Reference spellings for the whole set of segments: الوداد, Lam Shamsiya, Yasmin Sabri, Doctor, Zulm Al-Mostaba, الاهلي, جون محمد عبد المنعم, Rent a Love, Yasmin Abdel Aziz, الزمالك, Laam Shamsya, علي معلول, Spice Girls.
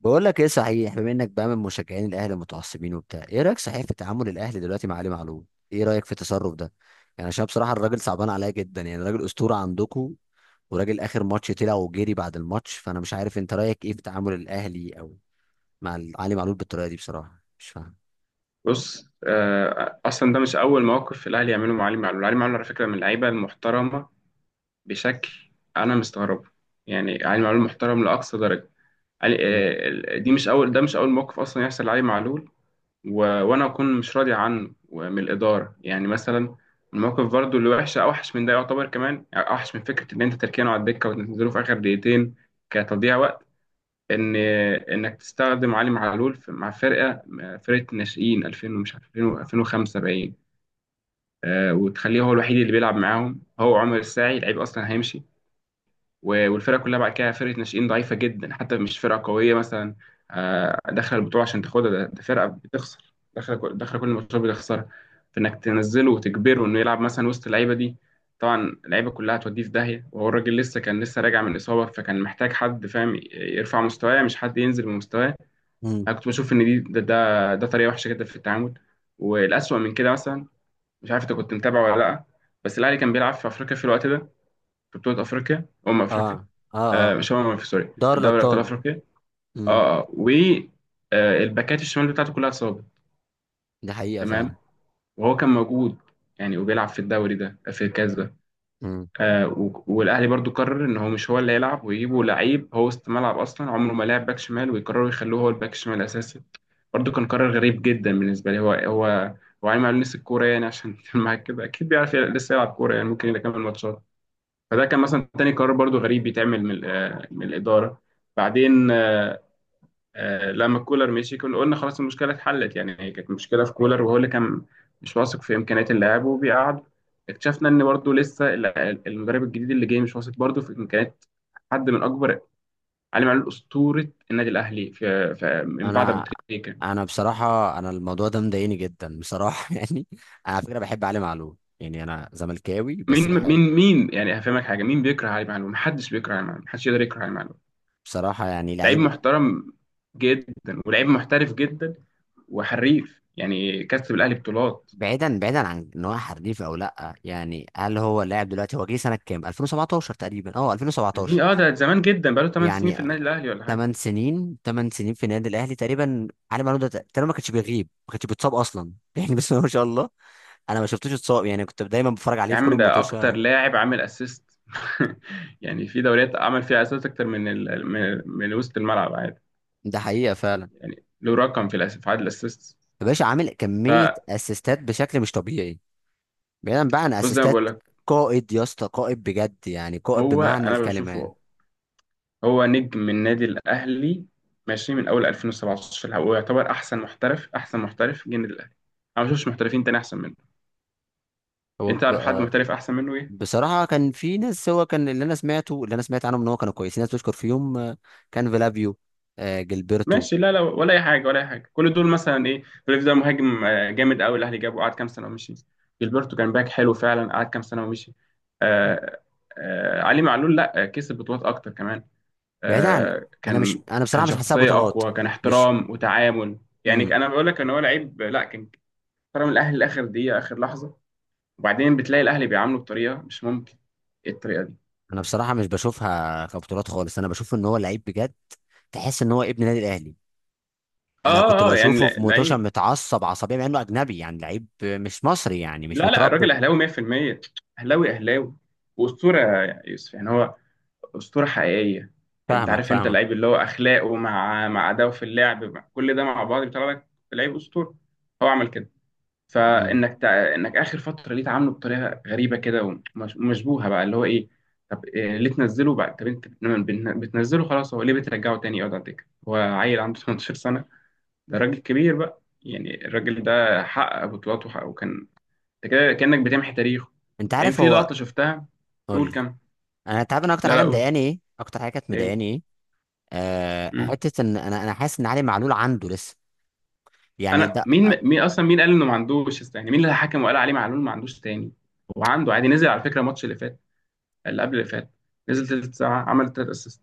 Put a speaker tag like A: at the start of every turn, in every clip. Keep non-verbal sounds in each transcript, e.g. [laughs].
A: بقول لك ايه صحيح. بما انك بقى من مشجعين الاهلي المتعصبين وبتاع، ايه رايك صحيح في تعامل الاهلي دلوقتي مع علي معلول؟ ايه رايك في التصرف ده؟ يعني عشان بصراحه الراجل صعبان عليا جدا، يعني راجل اسطوره عندكم، وراجل اخر ماتش طلع وجري بعد الماتش. فانا مش عارف انت رايك ايه في تعامل الاهلي او مع علي معلول بالطريقه دي، بصراحه مش فاهم.
B: بص، اصلا ده مش اول موقف في الاهلي يعمله مع علي معلول. علي معلول على فكره من اللعيبه المحترمه بشكل. انا مستغربه، يعني علي معلول محترم لاقصى درجه. علي آه، دي مش اول ده مش اول موقف اصلا يحصل لعلي معلول و... وانا اكون مش راضي عنه ومن الاداره يعني. مثلا الموقف برضو اللي وحش اوحش من ده يعتبر، كمان يعني اوحش من فكره ان انت تركينه على الدكه وتنزله في اخر دقيقتين كتضييع وقت. ان انك تستخدم علي معلول مع فرقه ناشئين 2000، ومش عارف 2005 باين، وتخليه هو الوحيد اللي بيلعب معاهم. هو عمر الساعي لعيب اصلا هيمشي، والفرقه كلها بعد كده فرقه ناشئين ضعيفه جدا، حتى مش فرقه قويه مثلا داخله البطوله عشان تاخدها. ده فرقه بتخسر، داخله كل ماتشات بتخسرها. فانك تنزله وتجبره انه يلعب مثلا وسط اللعيبه دي، طبعا اللعيبه كلها هتوديه في داهيه. وهو الراجل لسه كان لسه راجع من اصابه، فكان محتاج حد فاهم يرفع مستواه مش حد ينزل بمستواه.
A: امم.
B: انا كنت بشوف ان ده طريقه وحشه جدا في التعامل. والاسوأ من كده مثلا، مش عارف انت كنت متابع ولا لا، بس الاهلي كان بيلعب في افريقيا في الوقت ده، في بطوله افريقيا، افريقيا.
A: اه اه. اه،
B: مش افريقيا، سوري،
A: دار
B: الدوري ابطال
A: الابطال.
B: افريقيا.
A: امم.
B: اه اه و آه، الباكات الشمال بتاعته كلها اتصابت،
A: دي حقيقه
B: تمام؟
A: فعلا.
B: وهو كان موجود يعني، وبيلعب في الدوري ده في الكاس ده. والاهلي برضو قرر ان هو مش هو اللي هيلعب، ويجيبوا لعيب هو وسط ملعب اصلا عمره ما لعب باك شمال، ويقرروا يخلوه هو الباك الشمال الاساسي. برضه كان قرار غريب جدا بالنسبه لي. هو عايم على نفس الكوره يعني، عشان [laughs] معاك كده اكيد بيعرف لسه يلعب كوره يعني، ممكن يكمل ماتشات. فده كان مثلا تاني قرار برضه غريب بيتعمل من من الاداره. بعدين، لما كولر مشي كنا قلنا خلاص المشكله اتحلت، يعني هي كانت مشكله في كولر وهو اللي كان مش واثق في امكانيات اللاعب وبيقعد. اكتشفنا ان برضه لسه المدرب الجديد اللي جاي مش واثق برضه في امكانيات حد من اكبر. علي معلول اسطوره النادي الاهلي من بعد ابو
A: انا
B: تريكه.
A: انا بصراحه انا الموضوع ده مضايقني جدا بصراحه [laughs] يعني. انا على فكره بحب علي معلول، يعني انا زملكاوي بس
B: مين مين
A: بحب
B: مين يعني، هفهمك حاجه، مين بيكره علي معلول؟ محدش بيكره علي معلول، محدش يقدر يكره علي معلول.
A: بصراحه، يعني
B: لعيب
A: لعيب.
B: محترم جدا، ولعيب محترف جدا وحريف، يعني كسب الاهلي بطولات.
A: بعيدا، بعيدا عن ان هو حريف او لا، يعني هل هو لاعب دلوقتي؟ هو جه سنه كام، 2017 تقريبا، اه 2017.
B: دي اه ده زمان جدا، بقاله 8 سنين
A: يعني
B: في النادي الاهلي ولا حاجه.
A: 8 سنين، 8 سنين في النادي الاهلي تقريبا. علي معلول ده تقريبا ما كانش بيغيب، ما كانش بيتصاب اصلا [laughs] يعني، بس ما شاء الله. انا ما شفتوش اتصاب يعني، كنت دايما بتفرج عليه
B: يا
A: في كل
B: عم ده
A: الماتشات.
B: اكتر لاعب عامل اسيست [laughs] يعني في دوريات عمل فيها اسيست اكتر من وسط الملعب عادي،
A: ده حقيقه فعلا.
B: يعني له رقم في عدد الاسيست.
A: يا باشا عامل كمية
B: فبص،
A: اسيستات بشكل مش طبيعي. بعيدا بقى عن
B: زي ما بقول
A: اسيستات،
B: لك،
A: قائد يا اسطى، قائد بجد يعني، قائد
B: هو
A: بمعنى
B: انا
A: الكلمة يعني.
B: بشوفه هو نجم النادي الأهلي، ماشي؟ من أول 2017 هو يعتبر أحسن محترف جه النادي الأهلي. أنا ما شفتش محترفين تاني أحسن منه.
A: هو
B: أنت
A: ب-
B: تعرف حد
A: آه،
B: محترف أحسن منه إيه؟
A: بصراحة كان في ناس، هو كان اللي انا سمعته، اللي انا سمعت عنهم ان هو كانوا كويسين، ناس بتشكر فيهم كان فيلافيو، جilberto.
B: ماشي، لا ولا أي حاجة، ولا أي حاجة. كل دول مثلا إيه، ريف ده مهاجم جامد أوي، الأهلي جابه قعد كام سنة ومشي. جilberto كان باك حلو فعلا، قعد كام سنة ومشي. آه علي معلول لا، كسب بطولات أكتر كمان.
A: بعيدا عن،
B: آه
A: انا مش
B: كان
A: انا
B: كان
A: بصراحة مش حاسسها
B: شخصية
A: بطولات.
B: أقوى، كان
A: مش،
B: احترام وتعامل يعني.
A: امم،
B: أنا بقول لك إن هو لعيب، لا كان خرج من الاهلي لاخر دقيقه اخر لحظه، وبعدين بتلاقي الاهلي بيعامله بطريقه مش ممكن. ايه الطريقه دي؟
A: انا بصراحة مش بشوفها كبطولات خالص. انا بشوف ان هو لعيب بجد، تحس ان هو ابن النادي الاهلي. انا كنت بشوفه في موتوشا
B: لعيب،
A: متعصب عصبيه، مع انه اجنبي يعني، لعيب مش مصري يعني، مش
B: لا لا،
A: متربي.
B: الراجل اهلاوي 100%، اهلاوي اهلاوي. واسطوره يا يوسف، يعني هو اسطوره حقيقيه. انت
A: فاهمك
B: عارف، انت
A: فاهمك.
B: اللعيب اللي هو اخلاقه مع اداؤه في اللعب، مع كل ده مع بعض بيطلع لك لعيب اسطوره. هو عمل كده،
A: امم.
B: فانك انك اخر فتره ليه تعامله بطريقه غريبه كده ومشبوهه بقى، اللي هو ايه. طب إيه؟ ليه تنزله بقى؟ طب انت بتنزله خلاص، هو ليه بترجعه تاني يقعد على الدكه؟ هو عيل عنده 18 سنه؟ ده راجل كبير بقى، يعني الراجل ده حقق بطولات وحقق وكان، انت كده كانك بتمحي تاريخه.
A: انت
B: بعدين
A: عارف
B: في
A: هو،
B: لقطه شفتها.
A: قول
B: قول
A: لي.
B: كم.
A: انا، انت عارف انا اكتر
B: لا
A: حاجه
B: لا قول،
A: مضايقاني ايه، اكتر حاجه كانت
B: ايه.
A: مضايقاني ايه؟ آه،
B: مم.
A: حته ان انا حاسس ان علي معلول عنده لسه، يعني.
B: انا، مين اصلا، مين قال انه ما عندوش يعني مين اللي حكم وقال عليه معلول ما عندوش تاني؟ هو عنده عادي، نزل على فكره الماتش اللي فات، اللي قبل اللي فات، نزل تلت ساعه عمل تلت اسيست.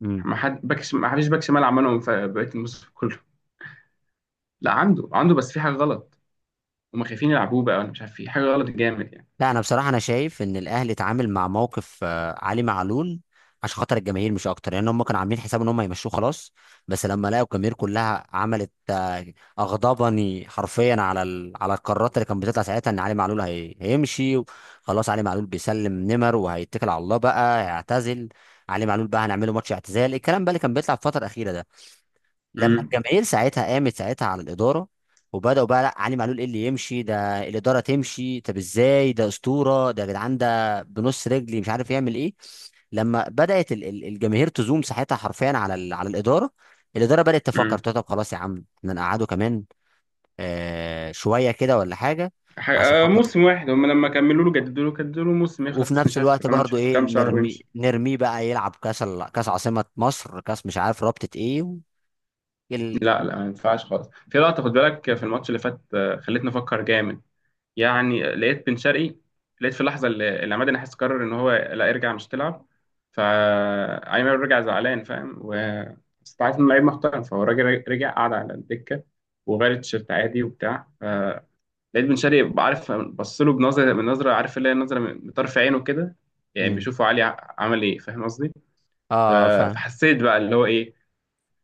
A: ده
B: ما حد ما فيش باك شمال عملهم في بقيه الموسم كله. لا عنده، عنده، بس في حاجه غلط، هم خايفين يلعبوه بقى. انا مش عارف في حاجه غلط جامد يعني.
A: لا، انا بصراحه انا شايف ان الاهلي اتعامل مع موقف علي معلول عشان خاطر الجماهير، مش اكتر. لان هم كانوا عاملين حساب ان هم هيمشوه خلاص، بس لما لقوا الجماهير كلها عملت اغضبني حرفيا على ال... على القرارات اللي كانت بتطلع ساعتها ان علي معلول هي... هيمشي. خلاص علي معلول بيسلم نمر وهيتكل على الله بقى، هيعتزل. علي معلول بقى هنعمله ماتش اعتزال، الكلام بقى اللي كان بيطلع في الفتره الاخيره ده. لما
B: امم،
A: الجماهير ساعتها قامت ساعتها على الاداره، وبداوا بقى لا، علي معلول ايه اللي يمشي ده؟ الاداره تمشي. طب ازاي ده اسطوره، ده يا جدعان ده بنص رجلي، مش عارف يعمل ايه. لما بدات الجماهير تزوم ساعتها حرفيا على على الاداره، الاداره بدات تفكر
B: امم،
A: تقول طب خلاص يا عم احنا نقعده كمان آه شويه كده ولا حاجه. عشان خاطر،
B: موسم واحد هم لما كملوا له، جددوا له، جددوا له موسم
A: وفي
B: يخلص مش
A: نفس
B: عارف
A: الوقت
B: كمان
A: برضو، ايه،
B: كام شهر
A: نرمي
B: ويمشي.
A: نرميه بقى يلعب كاس كاس عاصمه مصر، كاس مش عارف رابطه ايه و... ال...
B: لا لا ما ينفعش خالص. في لقطه خد بالك في الماتش اللي فات خلتني افكر جامد، يعني لقيت بن شرقي، لقيت في اللحظه اللي عماد النحاس قرر ان هو لا يرجع مش تلعب، فايمن رجع زعلان فاهم. بس أنت عارف انه لعيب محترم، فهو الراجل رجع قعد على الدكه وغير التيشيرت عادي وبتاع، فلقيت بن شرقي عارف بص له بنظره، من نظره، عارف اللي هي نظره من طرف عينه كده، يعني
A: مم.
B: بيشوفوا علي عمل ايه، فاهم قصدي؟ ف-
A: اه فاهم.
B: فحسيت بقى اللي هو ايه،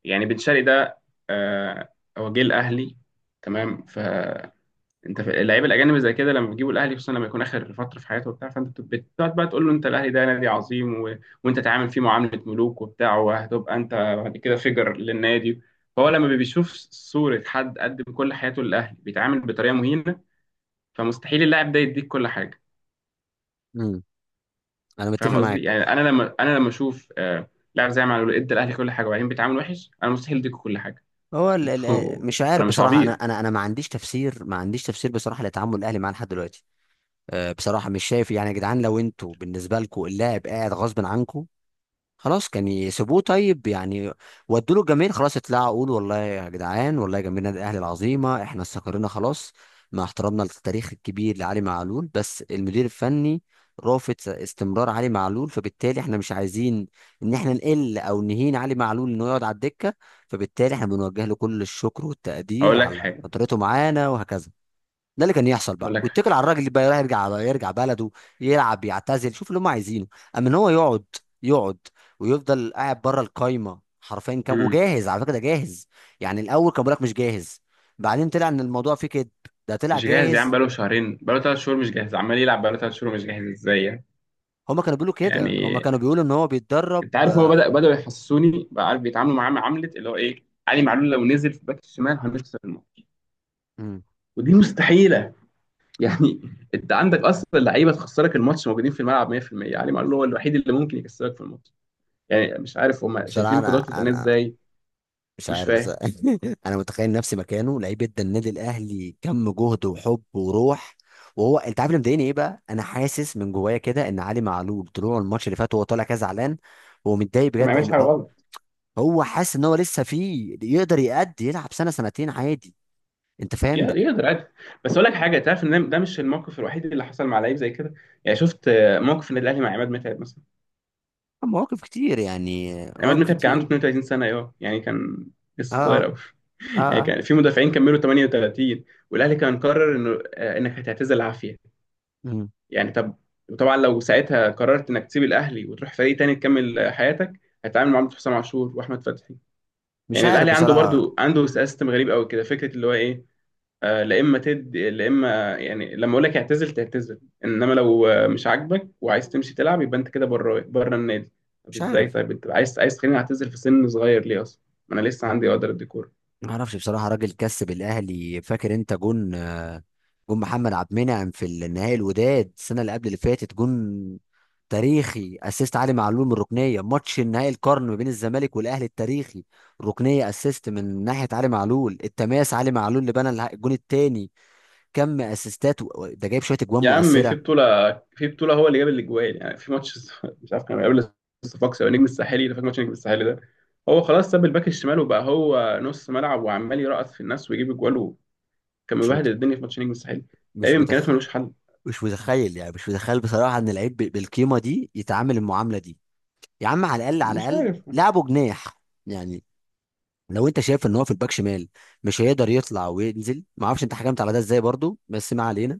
B: يعني بن شرقي ده، آه، هو جه الاهلي تمام. انت في اللعيبه الاجانب زي كده لما بيجيبوا الاهلي، خصوصا لما يكون اخر فتره في حياته وبتاع، فانت بتقعد بقى تقول له انت الاهلي ده نادي عظيم وانت تعامل فيه معامله ملوك وبتاع، وهتبقى انت بعد كده فيجر للنادي. فهو لما بيشوف صوره حد قدم كل حياته للاهلي بيتعامل بطريقه مهينه، فمستحيل اللاعب ده يديك كل حاجه.
A: انا متفق
B: فاهم قصدي؟
A: معاك.
B: يعني انا لما، اشوف لاعب زي معلول ادى الاهلي كل حاجه، وبعدين بيتعامل وحش، انا مستحيل اديكوا كل حاجه.
A: هو ال
B: انتوا
A: ال مش
B: [laughs] انا
A: عارف
B: مش
A: بصراحه، انا
B: عبيط.
A: انا انا ما عنديش تفسير، ما عنديش تفسير بصراحه لتعامل الاهلي معاه لحد دلوقتي. أه بصراحه مش شايف. يعني يا جدعان لو انتوا بالنسبه لكم اللاعب قاعد غصب عنكم، خلاص كان يسيبوه طيب يعني. ودوا له الجماهير خلاص، اطلعوا قولوا والله يا جدعان، والله جماهير النادي الاهلي العظيمه احنا استقرينا خلاص مع احترامنا للتاريخ الكبير لعلي معلول، بس المدير الفني رافض استمرار علي معلول، فبالتالي احنا مش عايزين ان احنا نقل او نهين علي معلول انه يقعد على الدكه، فبالتالي احنا بنوجه له كل الشكر والتقدير
B: هقول لك
A: على
B: حاجه.
A: فترته معانا وهكذا. ده اللي كان يحصل
B: هقول
A: بقى،
B: لك
A: ويتكل على الراجل اللي بقى يروح يرجع على، يرجع بلده يلعب يعتزل، شوف اللي هم عايزينه. اما ان هو يقعد، يقعد ويفضل قاعد بره القايمه حرفيا، كام
B: حاجه.
A: وجاهز، على فكره ده جاهز. يعني الاول كان بيقول لك مش جاهز، بعدين طلع ان الموضوع فيه كده، ده طلع
B: مش جاهز يا عم؟
A: جاهز.
B: بقاله شهرين، بقاله ثلاث شهور مش جاهز، عمال يلعب بقاله ثلاث شهور مش جاهز ازاي يعني؟
A: هم كانوا بيقولوا كده، هم
B: يعني
A: كانوا بيقولوا ان هو بيتدرب.
B: انت عارف هو بدأوا يحسسوني بقى، عارف بيتعاملوا معاه معاملة اللي هو ايه، علي معلول لو نزل في باك الشمال هنخسر الماتش،
A: مم.
B: ودي مستحيلة يعني [laughs] انت عندك اصلا لعيبة تخسرك الماتش موجودين في الملعب 100%، علي معلول هو الوحيد اللي ممكن يكسبك في الماتش، يعني مش عارف هم
A: بصراحه
B: شايفين
A: انا
B: قدراته الفنية
A: انا
B: ازاي.
A: مش
B: مش
A: عارف بس
B: فاهم،
A: [laughs] انا متخيل نفسي مكانه، لعيب ادى النادي الاهلي كم جهد وحب وروح. وهو انت عارف اللي مضايقني ايه بقى، انا حاسس من جوايا كده ان علي معلول طلوع الماتش اللي فات وهو طالع كده زعلان، هو متضايق
B: فما
A: بجد،
B: يعملش
A: ان
B: حاجة
A: هو،
B: غلط.
A: هو حاسس ان هو لسه فيه، يقدر يأدي يلعب سنه سنتين عادي. انت فاهم ده؟
B: يقدر عادي. بس اقول لك حاجة، تعرف ان ده مش الموقف الوحيد اللي حصل مع لعيب زي كده؟ يعني شفت موقف النادي الاهلي مع عماد متعب مثلا؟
A: مواقف كتير يعني،
B: عماد
A: مواقف
B: متعب كان عنده
A: كتير.
B: 32 سنة، ايوه يعني كان
A: اه
B: لسه صغير قوي
A: اه
B: [laughs] يعني
A: اه.
B: كان في مدافعين كملوا 38. والاهلي كان قرر انه انك هتعتزل عافية،
A: مم.
B: يعني طب. وطبعا لو ساعتها قررت انك تسيب الاهلي وتروح فريق تاني تكمل حياتك، هتتعامل مع حسام عاشور واحمد فتحي.
A: مش
B: يعني
A: عارف
B: الاهلي عنده
A: بصراحه،
B: برضو، عنده سيستم غريب قوي كده، فكرة اللي هو ايه، لا اما تدي، لا اما يعني لما اقول لك اعتزل تعتزل، انما لو مش عاجبك وعايز تمشي تلعب يبقى انت كده بره، بره النادي. طب
A: مش
B: ازاي؟
A: عارف،
B: طيب انت عايز، عايز تخليني اعتزل في سن صغير ليه اصلا؟ ما انا لسه عندي، اقدر ادي كوره.
A: ما اعرفش بصراحه. راجل كسب الاهلي، فاكر انت جون جون محمد عبد المنعم في النهائي الوداد السنه اللي قبل اللي فاتت؟ جون تاريخي، اسيست علي معلول من الركنيه. ماتش النهائي القرن ما بين الزمالك والاهلي التاريخي، ركنيه اسيست من ناحيه علي معلول، التماس علي معلول اللي بنى الجون الثاني. كم اسيستات ده جايب شويه اجوان
B: يا عم
A: مؤثره.
B: في بطوله هو اللي جاب الاجوال، يعني في ماتش [laughs] مش عارف كان قبل الصفاقسي او نجم الساحلي، فاكر ماتش نجم الساحلي ده؟ هو خلاص ساب الباك الشمال وبقى هو نص ملعب، وعمال يرقص في الناس ويجيب اجوال وكان
A: مش
B: مبهدل
A: مت...
B: الدنيا في ماتش نجم الساحلي.
A: مش
B: لعيب
A: متخ...
B: امكانياته ملوش حل،
A: مش متخيل يعني، مش متخيل بصراحه ان لعيب بالقيمه دي يتعامل المعامله دي. يا عم على الاقل، على
B: مش
A: الاقل
B: عارف.
A: لعبه جناح يعني. لو انت شايف ان هو في الباك شمال مش هيقدر يطلع وينزل، ما اعرفش انت حكمت على ده ازاي برضو، بس ما علينا.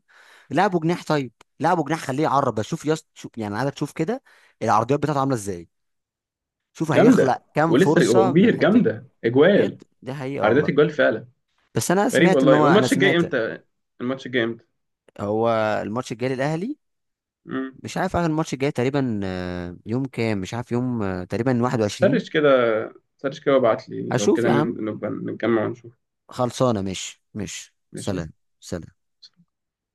A: لعبه جناح طيب، لعبه جناح، خليه يعرب شوف يس شوف، يعني عايزك تشوف كده العرضيات بتاعته عامله ازاي، شوف
B: جامده،
A: هيخلق كام
B: ولسه هو
A: فرصه من
B: كبير
A: الحته دي.
B: جامده
A: بجد
B: اجوال،
A: دي حقيقه
B: عرضات
A: والله.
B: اجوال فعلا.
A: بس انا
B: غريب
A: سمعت ان
B: والله.
A: هو، انا
B: والماتش الجاي
A: سمعت.
B: امتى؟ الماتش الجاي امتى؟
A: هو الماتش الجاي للاهلي،
B: امم،
A: مش عارف اخر الماتش الجاي تقريبا يوم كام، مش عارف يوم تقريبا 21.
B: سرش كده، سرش كده وابعت لي لو
A: هشوف
B: كده
A: يا عم،
B: نبقى نتجمع ونشوف.
A: خلصانه. مش
B: ماشي.
A: سلام. سلام.